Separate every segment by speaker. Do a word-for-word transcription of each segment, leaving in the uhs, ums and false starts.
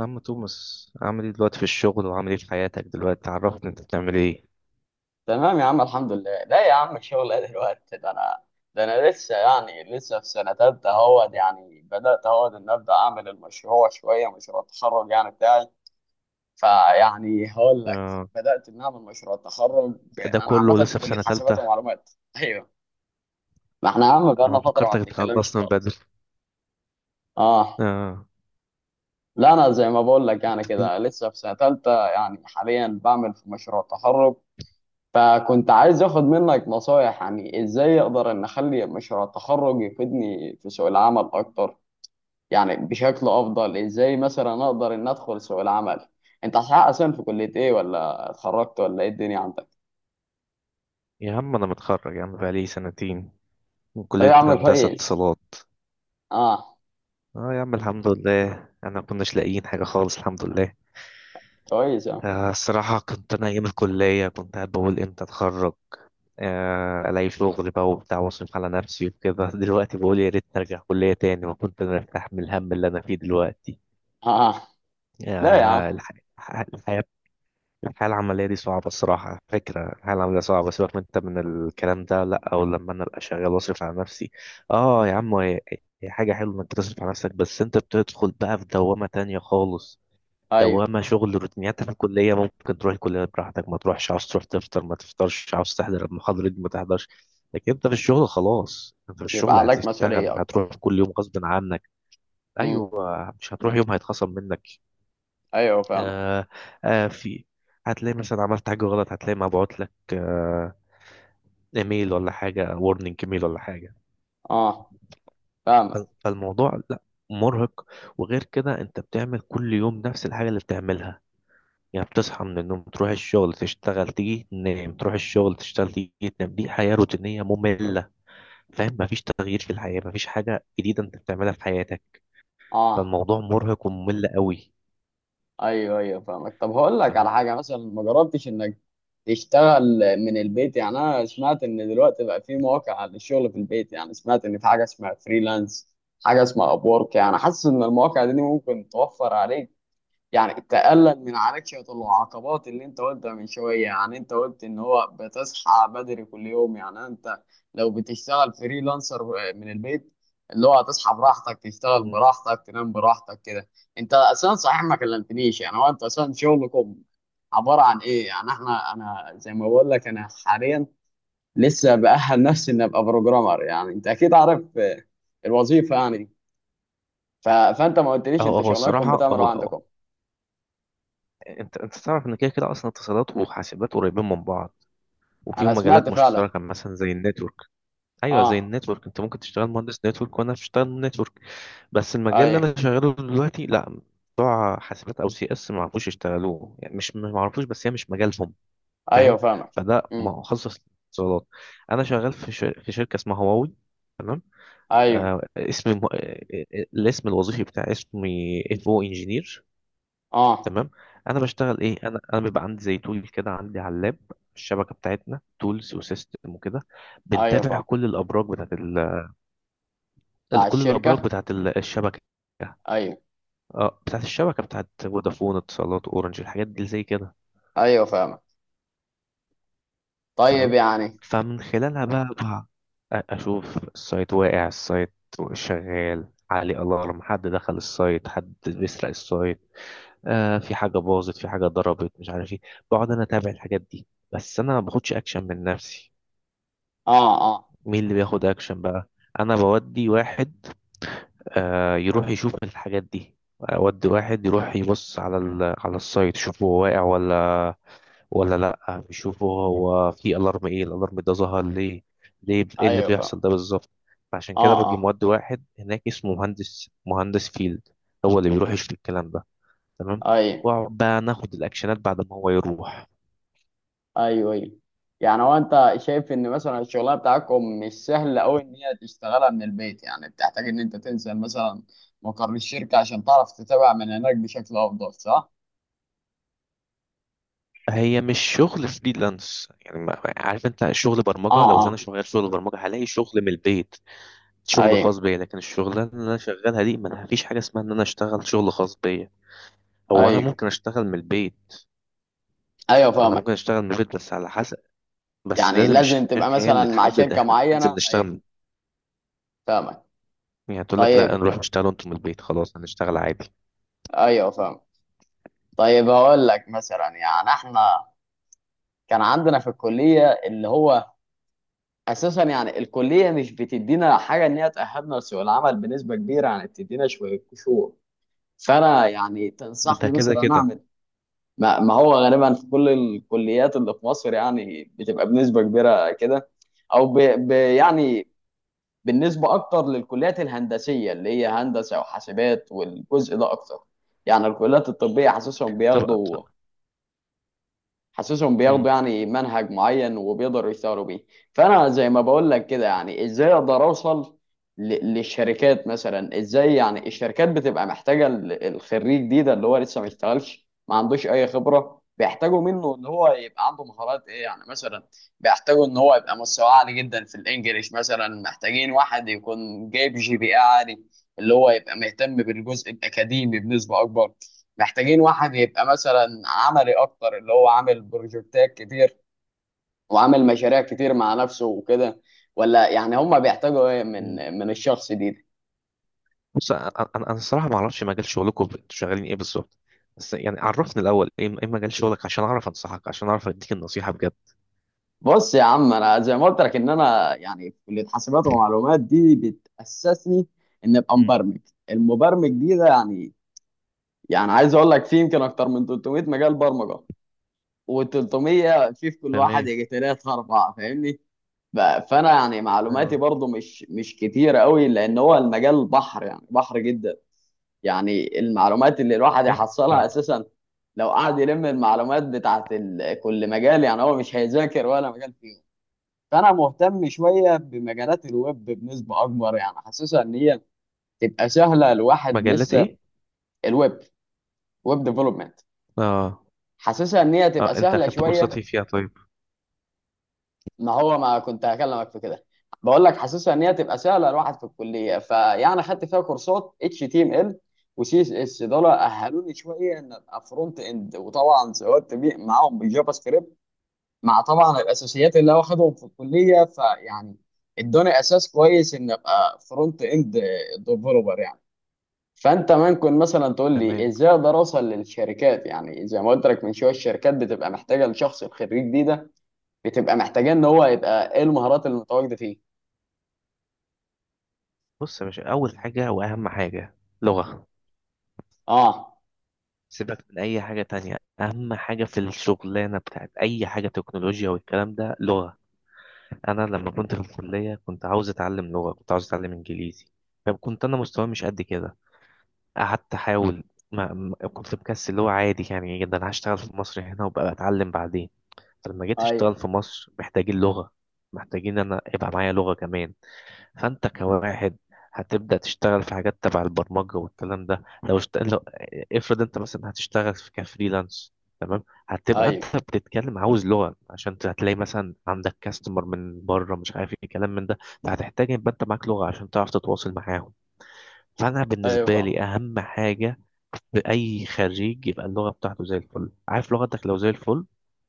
Speaker 1: عم توماس عامل ايه دلوقتي في الشغل وعامل ايه في حياتك دلوقتي؟ عرفني انت بتعمل ايه؟
Speaker 2: تمام يا عم، الحمد لله. لا يا عم، الشغل ايه دلوقتي؟ ده انا ده انا لسه، يعني لسه في سنه تالتة. اهوت، يعني بدات اهوت ان ابدا اعمل المشروع، شويه مشروع التخرج يعني بتاعي. فيعني هقول لك،
Speaker 1: آه.
Speaker 2: بدات ان اعمل مشروع التخرج.
Speaker 1: ده ده
Speaker 2: انا
Speaker 1: كله
Speaker 2: عامه
Speaker 1: لسه
Speaker 2: في
Speaker 1: في
Speaker 2: كليه
Speaker 1: سنة
Speaker 2: حاسبات
Speaker 1: تالتة؟
Speaker 2: ومعلومات. ايوه، ما احنا يا عم بقالنا
Speaker 1: انا
Speaker 2: فتره ما
Speaker 1: فكرتك
Speaker 2: بنتكلمش
Speaker 1: اتخلصت من بدري.
Speaker 2: خالص. اه.
Speaker 1: آه.
Speaker 2: لا، انا زي ما بقول لك يعني كده لسه في سنه تالتة، يعني حاليا بعمل في مشروع التخرج. فكنت عايز اخد منك نصايح، يعني ازاي اقدر ان اخلي مشروع التخرج يفيدني في سوق العمل اكتر، يعني بشكل افضل. ازاي مثلا اقدر ان ادخل سوق العمل؟ انت حقق اصلا في كلية ايه؟ ولا اتخرجت، ولا ايه الدنيا عندك؟
Speaker 1: يا عم انا متخرج يا عم بقالي سنتين من
Speaker 2: لا يا
Speaker 1: كلية
Speaker 2: عم
Speaker 1: هندسة
Speaker 2: كويس.
Speaker 1: اتصالات.
Speaker 2: اه.
Speaker 1: اه يا عم الحمد لله انا كناش لاقيين حاجة خالص الحمد لله.
Speaker 2: كويس يا عم.
Speaker 1: آه الصراحة كنت انا ايام الكلية كنت قاعد بقول امتى اتخرج، آه، الاقي شغل بقى وبتاع واصرف على نفسي وكده. دلوقتي بقول يا ريت ارجع كلية تاني وكنت انا ارتاح من الهم اللي انا فيه دلوقتي.
Speaker 2: اه. آه. لا يا عم.
Speaker 1: يا الح... الح- الحياة الحياة العملية دي صعبة. الصراحة، على فكرة الحياة العملية صعبة، سيبك من انت من الكلام ده، لا او لما انا ابقى شغال واصرف على نفسي. اه يا عم، هي هي حاجة حلوة انك تصرف على نفسك، بس انت بتدخل بقى في دوامة تانية خالص.
Speaker 2: ايوه،
Speaker 1: دوامة شغل، روتينيات. في الكلية ممكن تروح الكلية براحتك، ما تروحش، عاوز تروح تفطر ما تفطرش، عاوز تحضر المحاضرة دي ما تحضرش. لكن انت في الشغل خلاص، انت في
Speaker 2: بيبقى
Speaker 1: الشغل
Speaker 2: عليك
Speaker 1: هتشتغل،
Speaker 2: مسؤولية اكتر.
Speaker 1: هتروح كل يوم غصب عنك.
Speaker 2: امم.
Speaker 1: ايوه، مش هتروح يوم هيتخصم منك.
Speaker 2: ايوه فاهمك.
Speaker 1: آه آه في هتلاقي مثلا عملت حاجة غلط، هتلاقي مبعوت لك آه ايميل ولا حاجة، وورنينج ايميل ولا حاجة.
Speaker 2: اه فاهمك.
Speaker 1: فالموضوع لا، مرهق. وغير كده انت بتعمل كل يوم نفس الحاجة اللي بتعملها، يعني بتصحى من النوم تروح الشغل تشتغل تيجي تنام، تروح الشغل تشتغل تيجي تنام. دي حياة روتينية مملة، فاهم؟ مفيش تغيير في الحياة، مفيش حاجة جديدة انت بتعملها في حياتك.
Speaker 2: اه.
Speaker 1: فالموضوع مرهق وممل قوي.
Speaker 2: ايوه ايوه فاهمك. طب هقول لك
Speaker 1: تمام.
Speaker 2: على حاجه، مثلا ما جربتش انك تشتغل من البيت؟ يعني انا سمعت ان دلوقتي بقى في مواقع للشغل في البيت، يعني سمعت ان في حاجه اسمها فريلانس، حاجه اسمها ابورك. يعني حاسس ان المواقع دي ممكن توفر عليك، يعني تقلل من عليك شوية العقبات اللي انت قلتها من شوية. يعني انت قلت ان هو بتصحى بدري كل يوم، يعني انت لو بتشتغل فريلانسر من البيت، اللي هو هتصحى براحتك، تشتغل
Speaker 1: مم.
Speaker 2: براحتك، تنام براحتك كده. انت اصلا صحيح ما كلمتنيش. يعني هو انت اصلا شغلكم عبارة عن ايه؟ يعني احنا، انا زي ما بقول لك انا حاليا لسه بأهل نفسي اني ابقى بروجرامر، يعني انت اكيد عارف آه، الوظيفة يعني دي. ف... فانت ما قلتليش
Speaker 1: هو
Speaker 2: انت
Speaker 1: هو
Speaker 2: شغلكم
Speaker 1: الصراحة
Speaker 2: بتعملوا
Speaker 1: هو،
Speaker 2: عندكم؟
Speaker 1: انت انت تعرف ان كده كده اصلا اتصالات وحاسبات قريبين من بعض،
Speaker 2: انا
Speaker 1: وفيهم
Speaker 2: سمعت
Speaker 1: مجالات
Speaker 2: فعلا.
Speaker 1: مشتركه مثلا زي النتورك. ايوه، زي
Speaker 2: اه.
Speaker 1: النتورك. انت ممكن تشتغل مهندس نتورك وانا بشتغل نتورك، بس المجال اللي
Speaker 2: ايوه
Speaker 1: انا شغاله دلوقتي لا. بتوع حاسبات او سي اس ما عرفوش يشتغلوه، يعني مش ما عرفوش بس هي مش مجالهم،
Speaker 2: ايوه
Speaker 1: فاهم؟
Speaker 2: فاهمك.
Speaker 1: فده
Speaker 2: امم.
Speaker 1: مخصص اتصالات. انا شغال في شر... في شركه اسمها هواوي، تمام.
Speaker 2: ايوه.
Speaker 1: آه اسمي م... آه، آه، آه، الاسم الوظيفي بتاعي، اسمي انفو انجينير،
Speaker 2: اه
Speaker 1: تمام. انا بشتغل ايه؟ انا انا بيبقى عندي زي تول كده، عندي على اللاب الشبكه بتاعتنا، تولز وسيستم وكده،
Speaker 2: ايوه
Speaker 1: بنتابع
Speaker 2: فاهمك.
Speaker 1: كل الابراج بتاعت ال... ال-
Speaker 2: بتاع
Speaker 1: كل الابراج
Speaker 2: الشركة.
Speaker 1: بتاعت ال- الشبكه.
Speaker 2: ايوه
Speaker 1: اه، بتاعت الشبكه بتاعت فودافون، اتصالات، اورنج، الحاجات دي زي كده.
Speaker 2: ايوه فاهمك. طيب
Speaker 1: تمام.
Speaker 2: يعني.
Speaker 1: فمن خلالها بقى بقى أ- اشوف السايت، واقع السايت، شغال، عليه الارم، حد دخل السايت، حد بيسرق السايت، آه في حاجة باظت، في حاجة ضربت، مش عارف ايه. بقعد انا اتابع الحاجات دي، بس انا ما باخدش اكشن من نفسي.
Speaker 2: اه اه.
Speaker 1: مين اللي بياخد اكشن بقى؟ انا بودي واحد آه يروح يشوف الحاجات دي، اودي واحد يروح يبص على ال... على السايت، يشوفه هو واقع ولا ولا لا، يشوفه هو في الارم، ايه الالارم ده، ظهر ليه ليه ايه اللي
Speaker 2: ايوه فاهم.
Speaker 1: بيحصل ده بالظبط. فعشان
Speaker 2: اه
Speaker 1: كده باجي
Speaker 2: اه.
Speaker 1: مودي واحد هناك اسمه مهندس مهندس فيلد، هو اللي بيروح يشوف الكلام ده، تمام.
Speaker 2: ايوه
Speaker 1: واقعد بقى ناخد الاكشنات بعد ما هو يروح.
Speaker 2: ايوه ايوه. يعني هو انت شايف ان مثلا الشغلانه بتاعتكم مش سهله قوي ان هي تشتغلها من البيت، يعني بتحتاج ان انت تنزل مثلا مقر الشركه عشان تعرف تتابع من هناك بشكل افضل صح؟
Speaker 1: هي مش شغل فريلانس، يعني ما- ما- عارف انت، شغل
Speaker 2: اه
Speaker 1: برمجه. لو انا
Speaker 2: اه.
Speaker 1: شغال شغل برمجه هلاقي شغل من البيت، شغل
Speaker 2: ايوه
Speaker 1: خاص بيا. لكن الشغلانه اللي انا شغالها دي ما فيش حاجه اسمها ان انا اشتغل شغل خاص بيا. هو انا
Speaker 2: ايوه
Speaker 1: ممكن اشتغل من البيت،
Speaker 2: ايوه
Speaker 1: انا
Speaker 2: فاهمك.
Speaker 1: ممكن اشتغل من البيت بس على حسب. بس
Speaker 2: يعني
Speaker 1: لازم
Speaker 2: لازم تبقى
Speaker 1: الشركه هي
Speaker 2: مثلا
Speaker 1: اللي
Speaker 2: مع
Speaker 1: تحدد،
Speaker 2: شركه
Speaker 1: احنا ننزل
Speaker 2: معينه.
Speaker 1: نشتغل
Speaker 2: ايوه
Speaker 1: من-
Speaker 2: فاهمك.
Speaker 1: يعني تقول لك لا،
Speaker 2: طيب.
Speaker 1: نروح نشتغل انتم من البيت، خلاص هنشتغل عادي.
Speaker 2: ايوه فاهم. طيب هقول لك مثلا، يعني احنا كان عندنا في الكليه اللي هو اساسا، يعني الكليه مش بتدينا حاجه ان هي تاهلنا لسوق العمل بنسبه كبيره، يعني بتدينا شويه قشور. فانا يعني
Speaker 1: ده ده
Speaker 2: تنصحني
Speaker 1: كده
Speaker 2: مثلا
Speaker 1: كده.
Speaker 2: اعمل ما, ما هو غالبا في كل الكليات اللي في مصر يعني بتبقى بنسبه كبيره كده، او ب... ب... يعني بالنسبه اكتر للكليات الهندسيه اللي هي هندسه وحاسبات والجزء ده اكتر. يعني الكليات الطبيه حاسسهم
Speaker 1: طبعا.
Speaker 2: بياخدوا حاسسهم بياخدوا يعني منهج معين وبيقدروا يشتغلوا بيه. فانا زي ما بقول لك كده، يعني ازاي اقدر اوصل ل- للشركات؟ مثلا ازاي يعني الشركات بتبقى محتاجه ال- الخريج دي ده اللي هو لسه ما اشتغلش ما عندوش اي خبره، بيحتاجوا منه ان هو يبقى عنده مهارات ايه يعني مثلا؟ بيحتاجوا ان هو يبقى مستواه عالي جدا في الانجليش، مثلا محتاجين واحد يكون جايب جي بي اي عالي، اللي هو يبقى مهتم بالجزء الاكاديمي بنسبه اكبر، محتاجين واحد يبقى مثلا عملي اكتر، اللي هو عامل بروجكتات كتير وعامل مشاريع كتير مع نفسه وكده. ولا يعني هم بيحتاجوا ايه من
Speaker 1: مم.
Speaker 2: من الشخص دي, دي؟
Speaker 1: بص، انا انا أنا الصراحه ما اعرفش مجال شغلكم انتوا شغالين ايه بالظبط، بس يعني عرفني الاول ايه ايه مجال شغلك عشان اعرف انصحك، عشان اعرف اديك النصيحه بجد.
Speaker 2: بص يا عم، انا زي ما قلت لك ان انا يعني في كليه حاسبات ومعلومات، دي بتاسسني ان ابقى
Speaker 1: مم.
Speaker 2: مبرمج. المبرمج دي ده يعني، يعني عايز اقول لك في يمكن اكتر من ثلاثمية مجال برمجه، و300 في في كل واحد
Speaker 1: تمام.
Speaker 2: يجي ثلاثة أربعة فاهمني. ف- فانا يعني معلوماتي
Speaker 1: اه.
Speaker 2: برضو مش مش كتيره قوي، لان هو المجال بحر، يعني بحر جدا. يعني المعلومات اللي الواحد
Speaker 1: ماشي
Speaker 2: يحصلها
Speaker 1: يعني.
Speaker 2: اساسا لو قعد يلم المعلومات بتاعت ال- كل مجال يعني هو مش هيذاكر ولا مجال فيهم. فانا مهتم شويه بمجالات الويب بنسبه اكبر، يعني حاسسها ان هي تبقى سهله، الواحد
Speaker 1: مجالات
Speaker 2: لسه.
Speaker 1: ايه؟
Speaker 2: الويب، ويب ديفلوبمنت،
Speaker 1: اه.
Speaker 2: حاسسها ان هي
Speaker 1: اه،
Speaker 2: تبقى
Speaker 1: انت
Speaker 2: سهله
Speaker 1: اخدت كورسات
Speaker 2: شويه.
Speaker 1: ايه فيها طيب؟
Speaker 2: ما هو ما كنت هكلمك في كده، بقول لك حاسسها ان هي تبقى سهله. الواحد في الكليه فيعني خدت فيها كورسات اتش تي ام ال وسي اس اس، دول اهلوني شويه ان ابقى فرونت اند، وطبعا سويت بي- معاهم بالجافا سكريبت، مع طبعا الاساسيات اللي هو واخدهم في الكليه. فيعني ادوني اساس كويس ان ابقى فرونت اند ديفلوبر يعني. فانت ممكن مثلا تقول لي
Speaker 1: تمام.
Speaker 2: ازاي اقدر اوصل للشركات؟ يعني زي ما قلت لك من شويه، الشركات بتبقى محتاجه لشخص، الخريج دي ده بتبقى محتاجاه ان هو يبقى ايه المهارات المتواجده فيه؟
Speaker 1: بص يا باشا، اول حاجه واهم حاجه: لغه.
Speaker 2: اه.
Speaker 1: سيبك من اي حاجه تانية، اهم حاجه في الشغلانه بتاعت اي حاجه تكنولوجيا والكلام ده لغه. انا لما كنت في الكليه كنت عاوز اتعلم لغه، كنت عاوز اتعلم انجليزي، فكنت انا مستواي مش قد كده. قعدت احاول، ما ما- كنت مكسل اللي هو عادي يعني جدا. أنا هشتغل في مصر هنا وبقى اتعلم بعدين. فلما جيت اشتغل
Speaker 2: ايوه
Speaker 1: في مصر محتاجين لغة، محتاجين انا يبقى معايا لغة كمان. فانت كواحد هتبدأ تشتغل في حاجات تبع البرمجة والكلام ده، لو, اشت... لو افرض انت مثلا هتشتغل في كفريلانس، تمام. هتبقى
Speaker 2: ايوه
Speaker 1: انت بتتكلم، عاوز لغة، عشان هتلاقي مثلا عندك كاستمر من بره، مش عارف ايه كلام من ده. فهتحتاج يبقى انت معاك لغة عشان تعرف تتواصل معاهم. فانا
Speaker 2: ايوه
Speaker 1: بالنسبة
Speaker 2: فاهم.
Speaker 1: لي اهم حاجة بأي خريج يبقى اللغة بتاعته زي الفل. عارف لغتك لو زي الفل،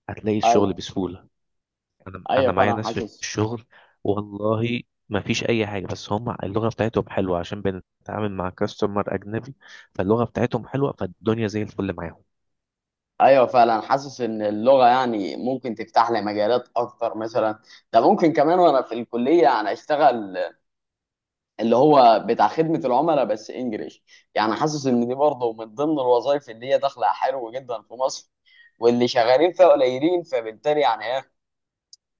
Speaker 1: هتلاقي الشغل
Speaker 2: ايوه
Speaker 1: بسهولة. أنا
Speaker 2: ايوه
Speaker 1: أنا معايا
Speaker 2: فعلا
Speaker 1: ناس في
Speaker 2: حاسس.
Speaker 1: الشغل، والله ما فيش أي حاجة، بس هم اللغة بتاعتهم حلوة عشان بنتعامل مع كاستمر أجنبي، فاللغة بتاعتهم حلوة فالدنيا زي الفل معاهم.
Speaker 2: ايوه فعلا حاسس ان اللغه يعني ممكن تفتح لي مجالات اكتر مثلا. ده ممكن كمان وانا في الكليه يعني اشتغل اللي هو بتاع خدمه العملاء بس انجليش. يعني حاسس ان دي برضه من ضمن الوظائف اللي هي داخله حلو جدا في مصر، واللي شغالين فيها قليلين، فبالتالي يعني ايه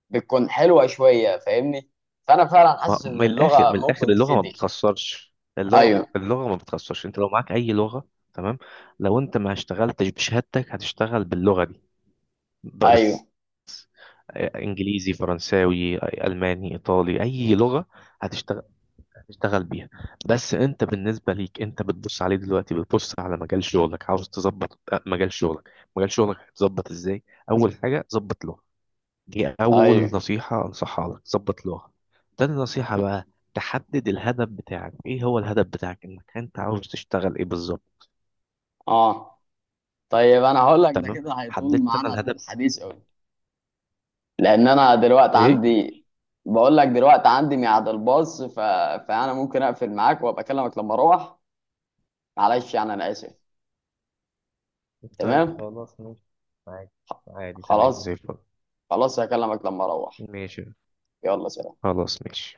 Speaker 2: بتكون حلوه شويه فاهمني. فانا فعلا
Speaker 1: ما-
Speaker 2: حاسس ان
Speaker 1: من الآخر،
Speaker 2: اللغه
Speaker 1: من الآخر
Speaker 2: ممكن
Speaker 1: اللغة ما
Speaker 2: تفيدني.
Speaker 1: بتخسرش، اللغة
Speaker 2: ايوه
Speaker 1: اللغة ما بتخسرش، أنت لو معاك أي لغة، تمام. لو أنت ما اشتغلتش بشهادتك هتشتغل باللغة دي بس.
Speaker 2: ايوه
Speaker 1: انجليزي، فرنساوي، الماني، ايطالي، اي لغه هتشتغل، هتشتغل بيها. بس انت بالنسبه ليك انت بتبص عليه دلوقتي، بتبص على مجال شغلك، عاوز تظبط آه، مجال شغلك. مجال شغلك هتظبط ازاي؟ اول حاجه: ظبط لغه. دي اول
Speaker 2: ايوه.
Speaker 1: نصيحه انصحها لك: ظبط لغه. تاني نصيحه بقى: تحدد الهدف بتاعك، ايه هو الهدف بتاعك انك انت عاوز تشتغل ايه بالظبط.
Speaker 2: اه طيب، انا هقول لك، ده
Speaker 1: تمام.
Speaker 2: كده هيطول
Speaker 1: حددت انا
Speaker 2: معانا
Speaker 1: الهدف.
Speaker 2: الحديث قوي، لان انا دلوقتي
Speaker 1: ايه؟
Speaker 2: عندي، بقول لك دلوقتي عندي ميعاد الباص. ف... فانا ممكن اقفل معاك وابقى اكلمك لما اروح. معلش يعني انا اسف.
Speaker 1: طيب
Speaker 2: تمام.
Speaker 1: خلاص، ماشي. عادي.
Speaker 2: خ-
Speaker 1: عادي تمام زي
Speaker 2: خلاص
Speaker 1: الفل.
Speaker 2: خلاص، هكلمك لما اروح.
Speaker 1: ماشي.
Speaker 2: يلا سلام.
Speaker 1: خلاص، ماشي.